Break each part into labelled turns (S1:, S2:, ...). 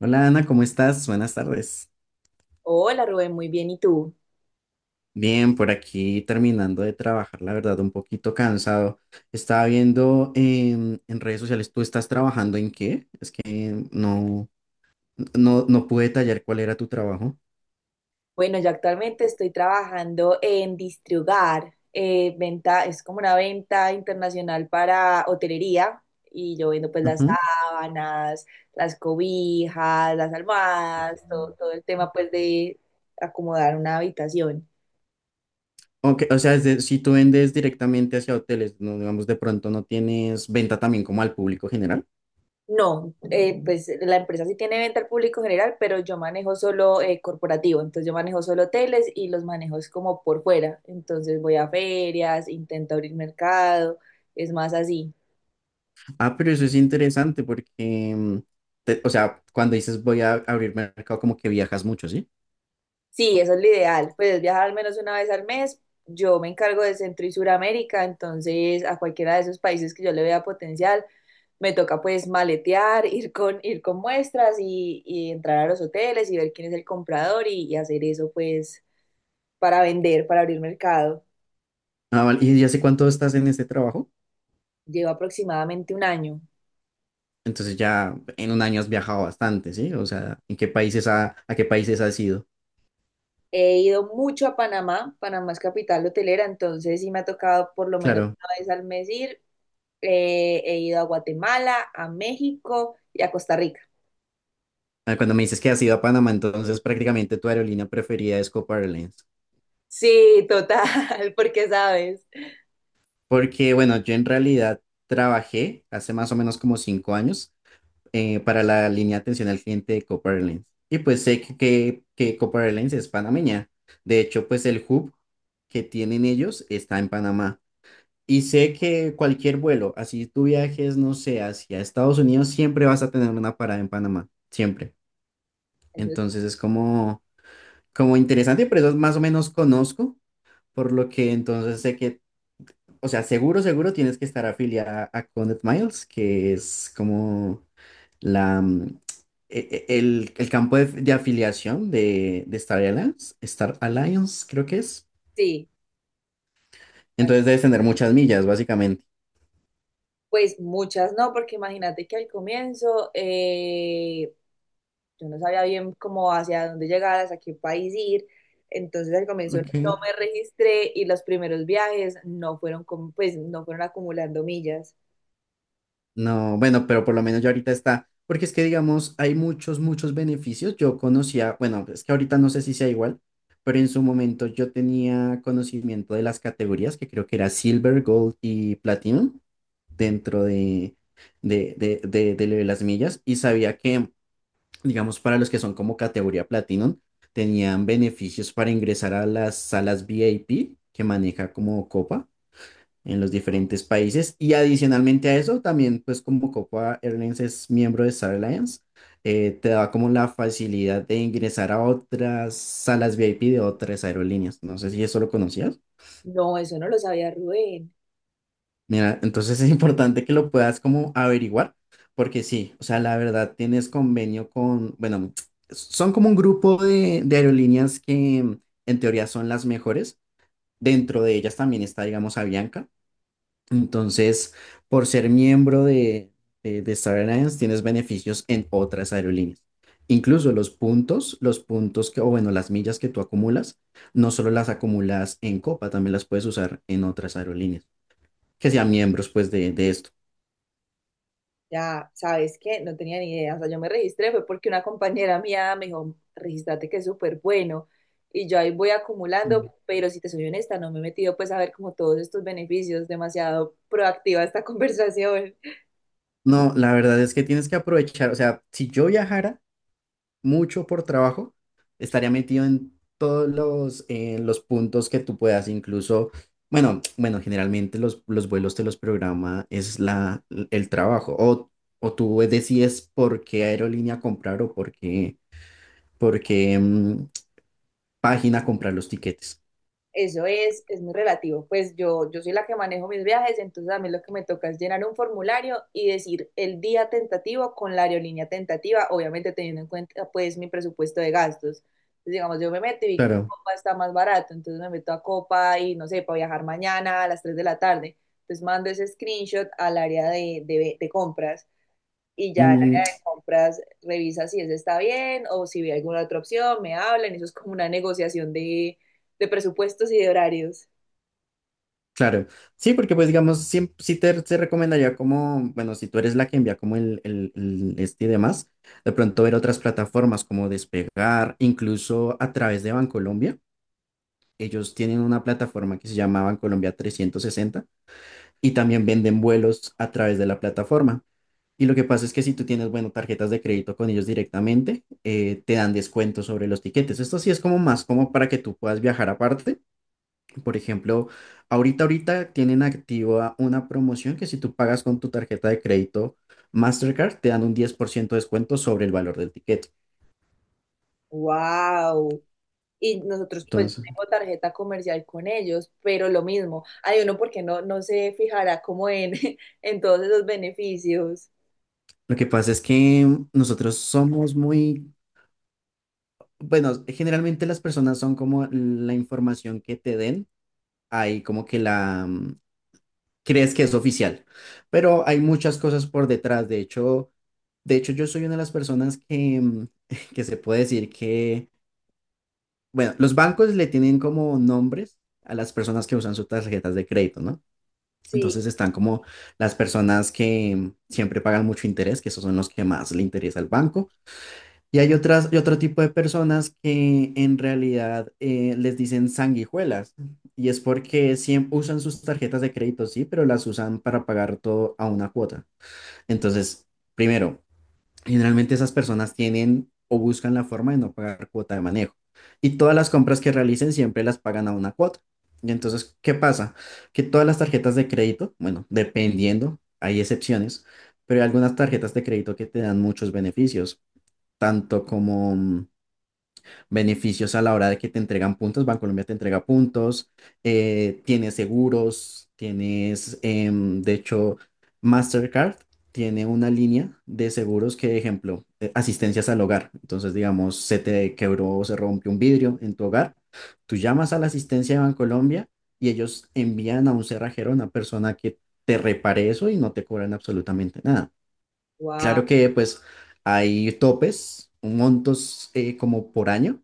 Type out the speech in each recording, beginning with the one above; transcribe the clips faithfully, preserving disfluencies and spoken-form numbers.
S1: Hola Ana, ¿cómo estás? Buenas tardes.
S2: Hola Rubén, muy bien. ¿Y tú?
S1: Bien, por aquí terminando de trabajar, la verdad, un poquito cansado. Estaba viendo em, en redes sociales, ¿tú estás trabajando en qué? Es que no, no, no pude detallar cuál era tu trabajo.
S2: Bueno, yo actualmente estoy trabajando en Distriugar. Eh, venta, es como una venta internacional para hotelería y yo vendo pues las
S1: Ujú.
S2: sábanas, las cobijas, las almohadas, todo, todo el tema pues de acomodar una habitación.
S1: Ok, o sea, es de- si tú vendes directamente hacia hoteles, no, digamos, de pronto no tienes venta también como al público general.
S2: No, eh, pues la empresa sí tiene venta al público general, pero yo manejo solo eh, corporativo, entonces yo manejo solo hoteles y los manejo es como por fuera, entonces voy a ferias, intento abrir mercado, es más así.
S1: Ah, pero eso es interesante porque, em, te- o sea, cuando dices voy a abrir mercado, como que viajas mucho, ¿sí?
S2: Sí, eso es lo ideal, pues es viajar al menos una vez al mes, yo me encargo de Centro y Suramérica, entonces a cualquiera de esos países que yo le vea potencial, me toca pues maletear, ir con, ir con muestras y, y entrar a los hoteles y ver quién es el comprador y, y hacer eso pues para vender, para abrir mercado.
S1: Ah, vale. ¿Y ya hace cuánto estás en este trabajo?
S2: Llevo aproximadamente un año.
S1: Entonces ya en un año has viajado bastante, ¿sí? O sea, ¿en qué países ha- a qué países has ido?
S2: He ido mucho a Panamá, Panamá es capital hotelera, entonces sí me ha tocado por lo menos
S1: Claro.
S2: una vez al mes ir. Eh, he ido a Guatemala, a México y a Costa Rica.
S1: Ah, cuando me dices que has ido a Panamá, entonces prácticamente tu aerolínea preferida es Copa Airlines.
S2: Sí, total, porque sabes.
S1: Porque, bueno, yo en realidad trabajé hace más o menos como cinco años eh, para la línea de atención al cliente de Copa Airlines. Y pues sé que, que, que Copa Airlines es panameña. De hecho, pues el hub que tienen ellos está en Panamá. Y sé que cualquier vuelo, así tú viajes, no sé, hacia Estados Unidos, siempre vas a tener una parada en Panamá, siempre.
S2: Eso
S1: Entonces es como, como interesante, pero eso más o menos conozco, por lo que entonces sé que, o sea, seguro, seguro tienes que estar afiliada a Connect Miles, que es como la, mm, e- e- el, el campo de, de afiliación de, de Star Alliance, Star Alliance creo que es.
S2: sí,
S1: Entonces debes tener muchas millas, básicamente.
S2: pues muchas no, porque imagínate que al comienzo eh, yo no sabía bien cómo hacia dónde llegar, hacia qué país ir. Entonces al comienzo no
S1: Ok.
S2: me registré y los primeros viajes no fueron como, pues no fueron acumulando millas.
S1: No, bueno, pero por lo menos ya ahorita está, porque es que digamos, hay muchos, muchos beneficios. Yo conocía, bueno, es que ahorita no sé si sea igual, pero en su momento yo tenía conocimiento de las categorías, que creo que era Silver, Gold y Platinum, dentro de, de, de, de, de lo de las millas, y sabía que, digamos, para los que son como categoría Platinum, tenían beneficios para ingresar a las salas V I P que maneja como Copa en los diferentes países. Y adicionalmente a eso, también pues como Copa Airlines es miembro de Star Alliance, eh, te da como la facilidad de ingresar a otras salas V I P de otras aerolíneas. No sé si eso lo conocías.
S2: No, eso no lo sabía, Rubén.
S1: Mira, entonces es importante que lo puedas como averiguar, porque sí, o sea, la verdad tienes convenio con, bueno, son como un grupo de, de aerolíneas que en teoría son las mejores. Dentro de ellas también está, digamos, Avianca. Entonces, por ser miembro de, de, de Star Alliance, tienes beneficios en otras aerolíneas. Incluso los puntos, los puntos que, o bueno, las millas que tú acumulas, no solo las acumulas en Copa, también las puedes usar en otras aerolíneas, que sean miembros pues de, de esto.
S2: Ya, ¿sabes qué? No tenía ni idea. O sea, yo me registré fue porque una compañera mía me dijo, regístrate que es súper bueno. Y yo ahí voy acumulando,
S1: Mm.
S2: pero si te soy honesta, no me he metido pues a ver como todos estos beneficios. Demasiado proactiva esta conversación.
S1: No, la verdad es que tienes que aprovechar, o sea, si yo viajara, mucho por trabajo, estaría metido en todos los, eh, los puntos que tú puedas, incluso, bueno, bueno, generalmente los, los vuelos te los programa, es la, el trabajo, o, o tú decides por qué aerolínea comprar o por qué, por qué, mm, página comprar los tiquetes.
S2: Eso es, es muy relativo. Pues yo, yo soy la que manejo mis viajes, entonces a mí lo que me toca es llenar un formulario y decir el día tentativo con la aerolínea tentativa, obviamente teniendo en cuenta pues mi presupuesto de gastos. Entonces, digamos, yo me meto y vi que
S1: Claro.
S2: Copa está más barato, entonces me meto a Copa y no sé, para viajar mañana a las tres de la tarde. Entonces mando ese screenshot al área de, de de compras, y ya en el
S1: Mm.
S2: área de compras revisa si ese está bien o si ve alguna otra opción, me hablan, eso es como una negociación de, de presupuestos y de horarios.
S1: Claro, sí, porque pues digamos, siem- sí, te, te recomendaría como, bueno, si tú eres la que envía como el, el- el este y demás, de pronto ver otras plataformas como Despegar, incluso a través de Bancolombia. Ellos tienen una plataforma que se llama Bancolombia trescientos sesenta y también venden vuelos a través de la plataforma. Y lo que pasa es que si tú tienes, bueno, tarjetas de crédito con ellos directamente, eh, te dan descuentos sobre los tiquetes. Esto sí es como más como para que tú puedas viajar aparte, por ejemplo, ahorita, ahorita tienen activa una promoción que si tú pagas con tu tarjeta de crédito Mastercard, te dan un diez por ciento de descuento sobre el valor del ticket.
S2: ¡Wow! Y nosotros pues
S1: Entonces,
S2: tengo tarjeta comercial con ellos, pero lo mismo, hay uno porque no, no se fijará como en, en todos esos beneficios.
S1: lo que pasa es que nosotros somos muy, bueno, generalmente las personas son como la información que te den, ahí como que la mm, crees que es oficial, pero hay muchas cosas por detrás. De hecho, de hecho, yo soy una de las personas que, mm, que se puede decir que... Bueno, los bancos le tienen como nombres a las personas que usan sus tarjetas de crédito, ¿no?
S2: Sí,
S1: Entonces están como las personas que siempre pagan mucho interés, que esos son los que más le interesa al banco. Y hay otras, y otro tipo de personas que en realidad eh, les dicen sanguijuelas. Y es porque siempre usan sus tarjetas de crédito, sí, pero las usan para pagar todo a una cuota. Entonces, primero, generalmente esas personas tienen o buscan la forma de no pagar cuota de manejo. Y todas las compras que realicen siempre las pagan a una cuota. Y entonces, ¿qué pasa? Que todas las tarjetas de crédito, bueno, dependiendo, hay excepciones, pero hay algunas tarjetas de crédito que te dan muchos beneficios, tanto como mm, beneficios a la hora de que te entregan puntos. Bancolombia te entrega puntos, eh, tienes seguros, tienes, em, de hecho, Mastercard tiene una línea de seguros que, ejemplo, eh, asistencias al hogar. Entonces, digamos, se te quebró o se rompió un vidrio en tu hogar, tú llamas a la asistencia de Bancolombia y ellos envían a un cerrajero, a una persona que te repare eso y no te cobran absolutamente nada.
S2: wow.
S1: Claro que, pues, hay topes, montos eh, como por año,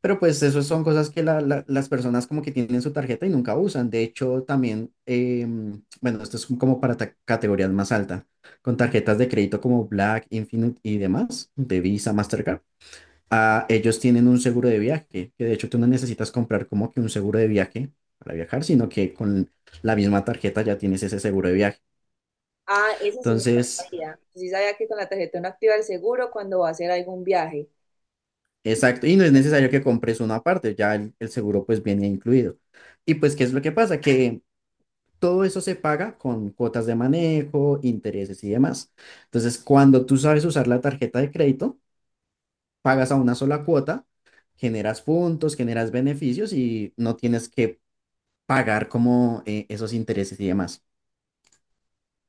S1: pero pues eso son cosas que la- la- las personas como que tienen su tarjeta y nunca usan. De hecho, también, em, bueno, esto es como para ta- categorías más altas, con tarjetas de crédito como Black, Infinite y demás, de Visa, Mastercard. Ah, ellos tienen un seguro de viaje, que de hecho tú no necesitas comprar como que un seguro de viaje para viajar, sino que con la misma tarjeta ya tienes ese seguro de viaje.
S2: Ah, ese sí me lo
S1: Entonces,
S2: sabía. Sí sabía que con la tarjeta uno activa el seguro cuando va a hacer algún viaje.
S1: exacto, y no es necesario que compres uno aparte, ya el el seguro pues viene incluido. Y pues, ¿qué es lo que pasa? Que todo eso se paga con cuotas de manejo, intereses y demás. Entonces, cuando tú sabes usar la tarjeta de crédito, pagas a una sola cuota, generas puntos, generas beneficios y no tienes que pagar como eh, esos intereses y demás.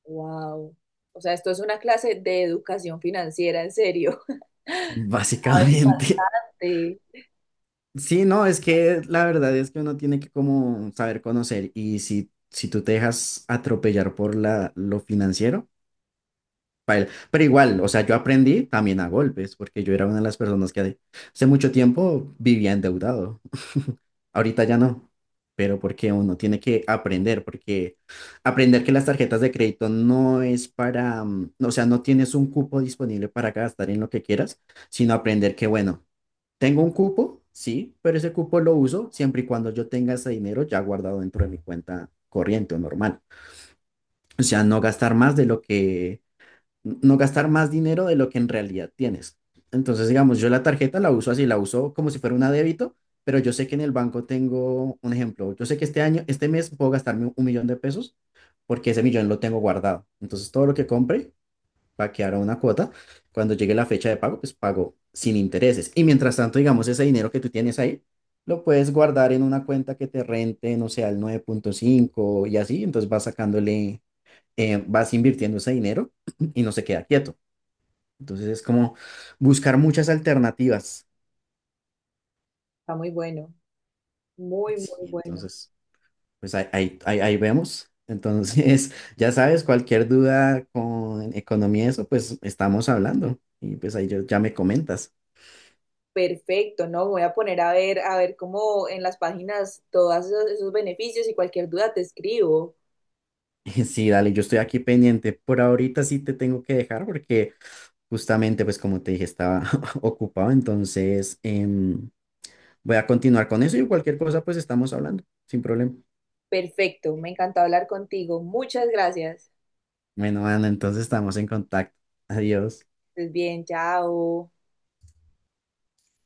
S2: Wow. O sea, esto es una clase de educación financiera, en serio. A
S1: Básicamente.
S2: sí,
S1: Sí, no, es que la verdad es que uno tiene que como saber conocer y si, si tú te dejas atropellar por la, lo financiero, paila. Pero igual, o sea, yo aprendí también a golpes, porque yo era una de las personas que hace mucho tiempo vivía endeudado. Ahorita ya no, pero porque uno tiene que aprender, porque aprender que las tarjetas de crédito no es para, mm, o sea, no tienes un cupo disponible para gastar en lo que quieras, sino aprender que, bueno, tengo un cupo, sí, pero ese cupo lo uso siempre y cuando yo tenga ese dinero ya guardado dentro de mi cuenta corriente o normal. O sea, no gastar más de lo que no gastar más dinero de lo que en realidad tienes. Entonces, digamos, yo la tarjeta la uso así, la uso como si fuera una débito, pero yo sé que en el banco tengo un ejemplo. Yo sé que este año, este mes puedo gastarme un millón de pesos porque ese millón lo tengo guardado. Entonces, todo lo que compre va a quedar a una cuota. Cuando llegue la fecha de pago, pues pago sin intereses. Y mientras tanto, digamos, ese dinero que tú tienes ahí, lo puedes guardar en una cuenta que te rente, no sé, al nueve punto cinco y así. Entonces, vas sacándole, eh, vas invirtiendo ese dinero y no se queda quieto. Entonces es como buscar muchas alternativas.
S2: está muy bueno, muy,
S1: Sí,
S2: muy bueno.
S1: entonces, pues ahí, ahí, ahí- ahí vemos. Entonces, ya sabes, cualquier duda con economía, y eso, pues estamos hablando. Y pues ahí yo- ya me comentas.
S2: Perfecto, ¿no? Voy a poner a ver, a ver cómo en las páginas todos esos, esos beneficios y cualquier duda te escribo.
S1: Sí, dale, yo estoy aquí pendiente. Por ahorita sí te tengo que dejar porque justamente, pues como te dije, estaba ocupado. Entonces, em, voy a continuar con eso y cualquier cosa, pues estamos hablando, sin problema.
S2: Perfecto, me encantó hablar contigo. Muchas gracias.
S1: Bueno, Ana, entonces estamos en contacto. Adiós.
S2: Estés bien, chao.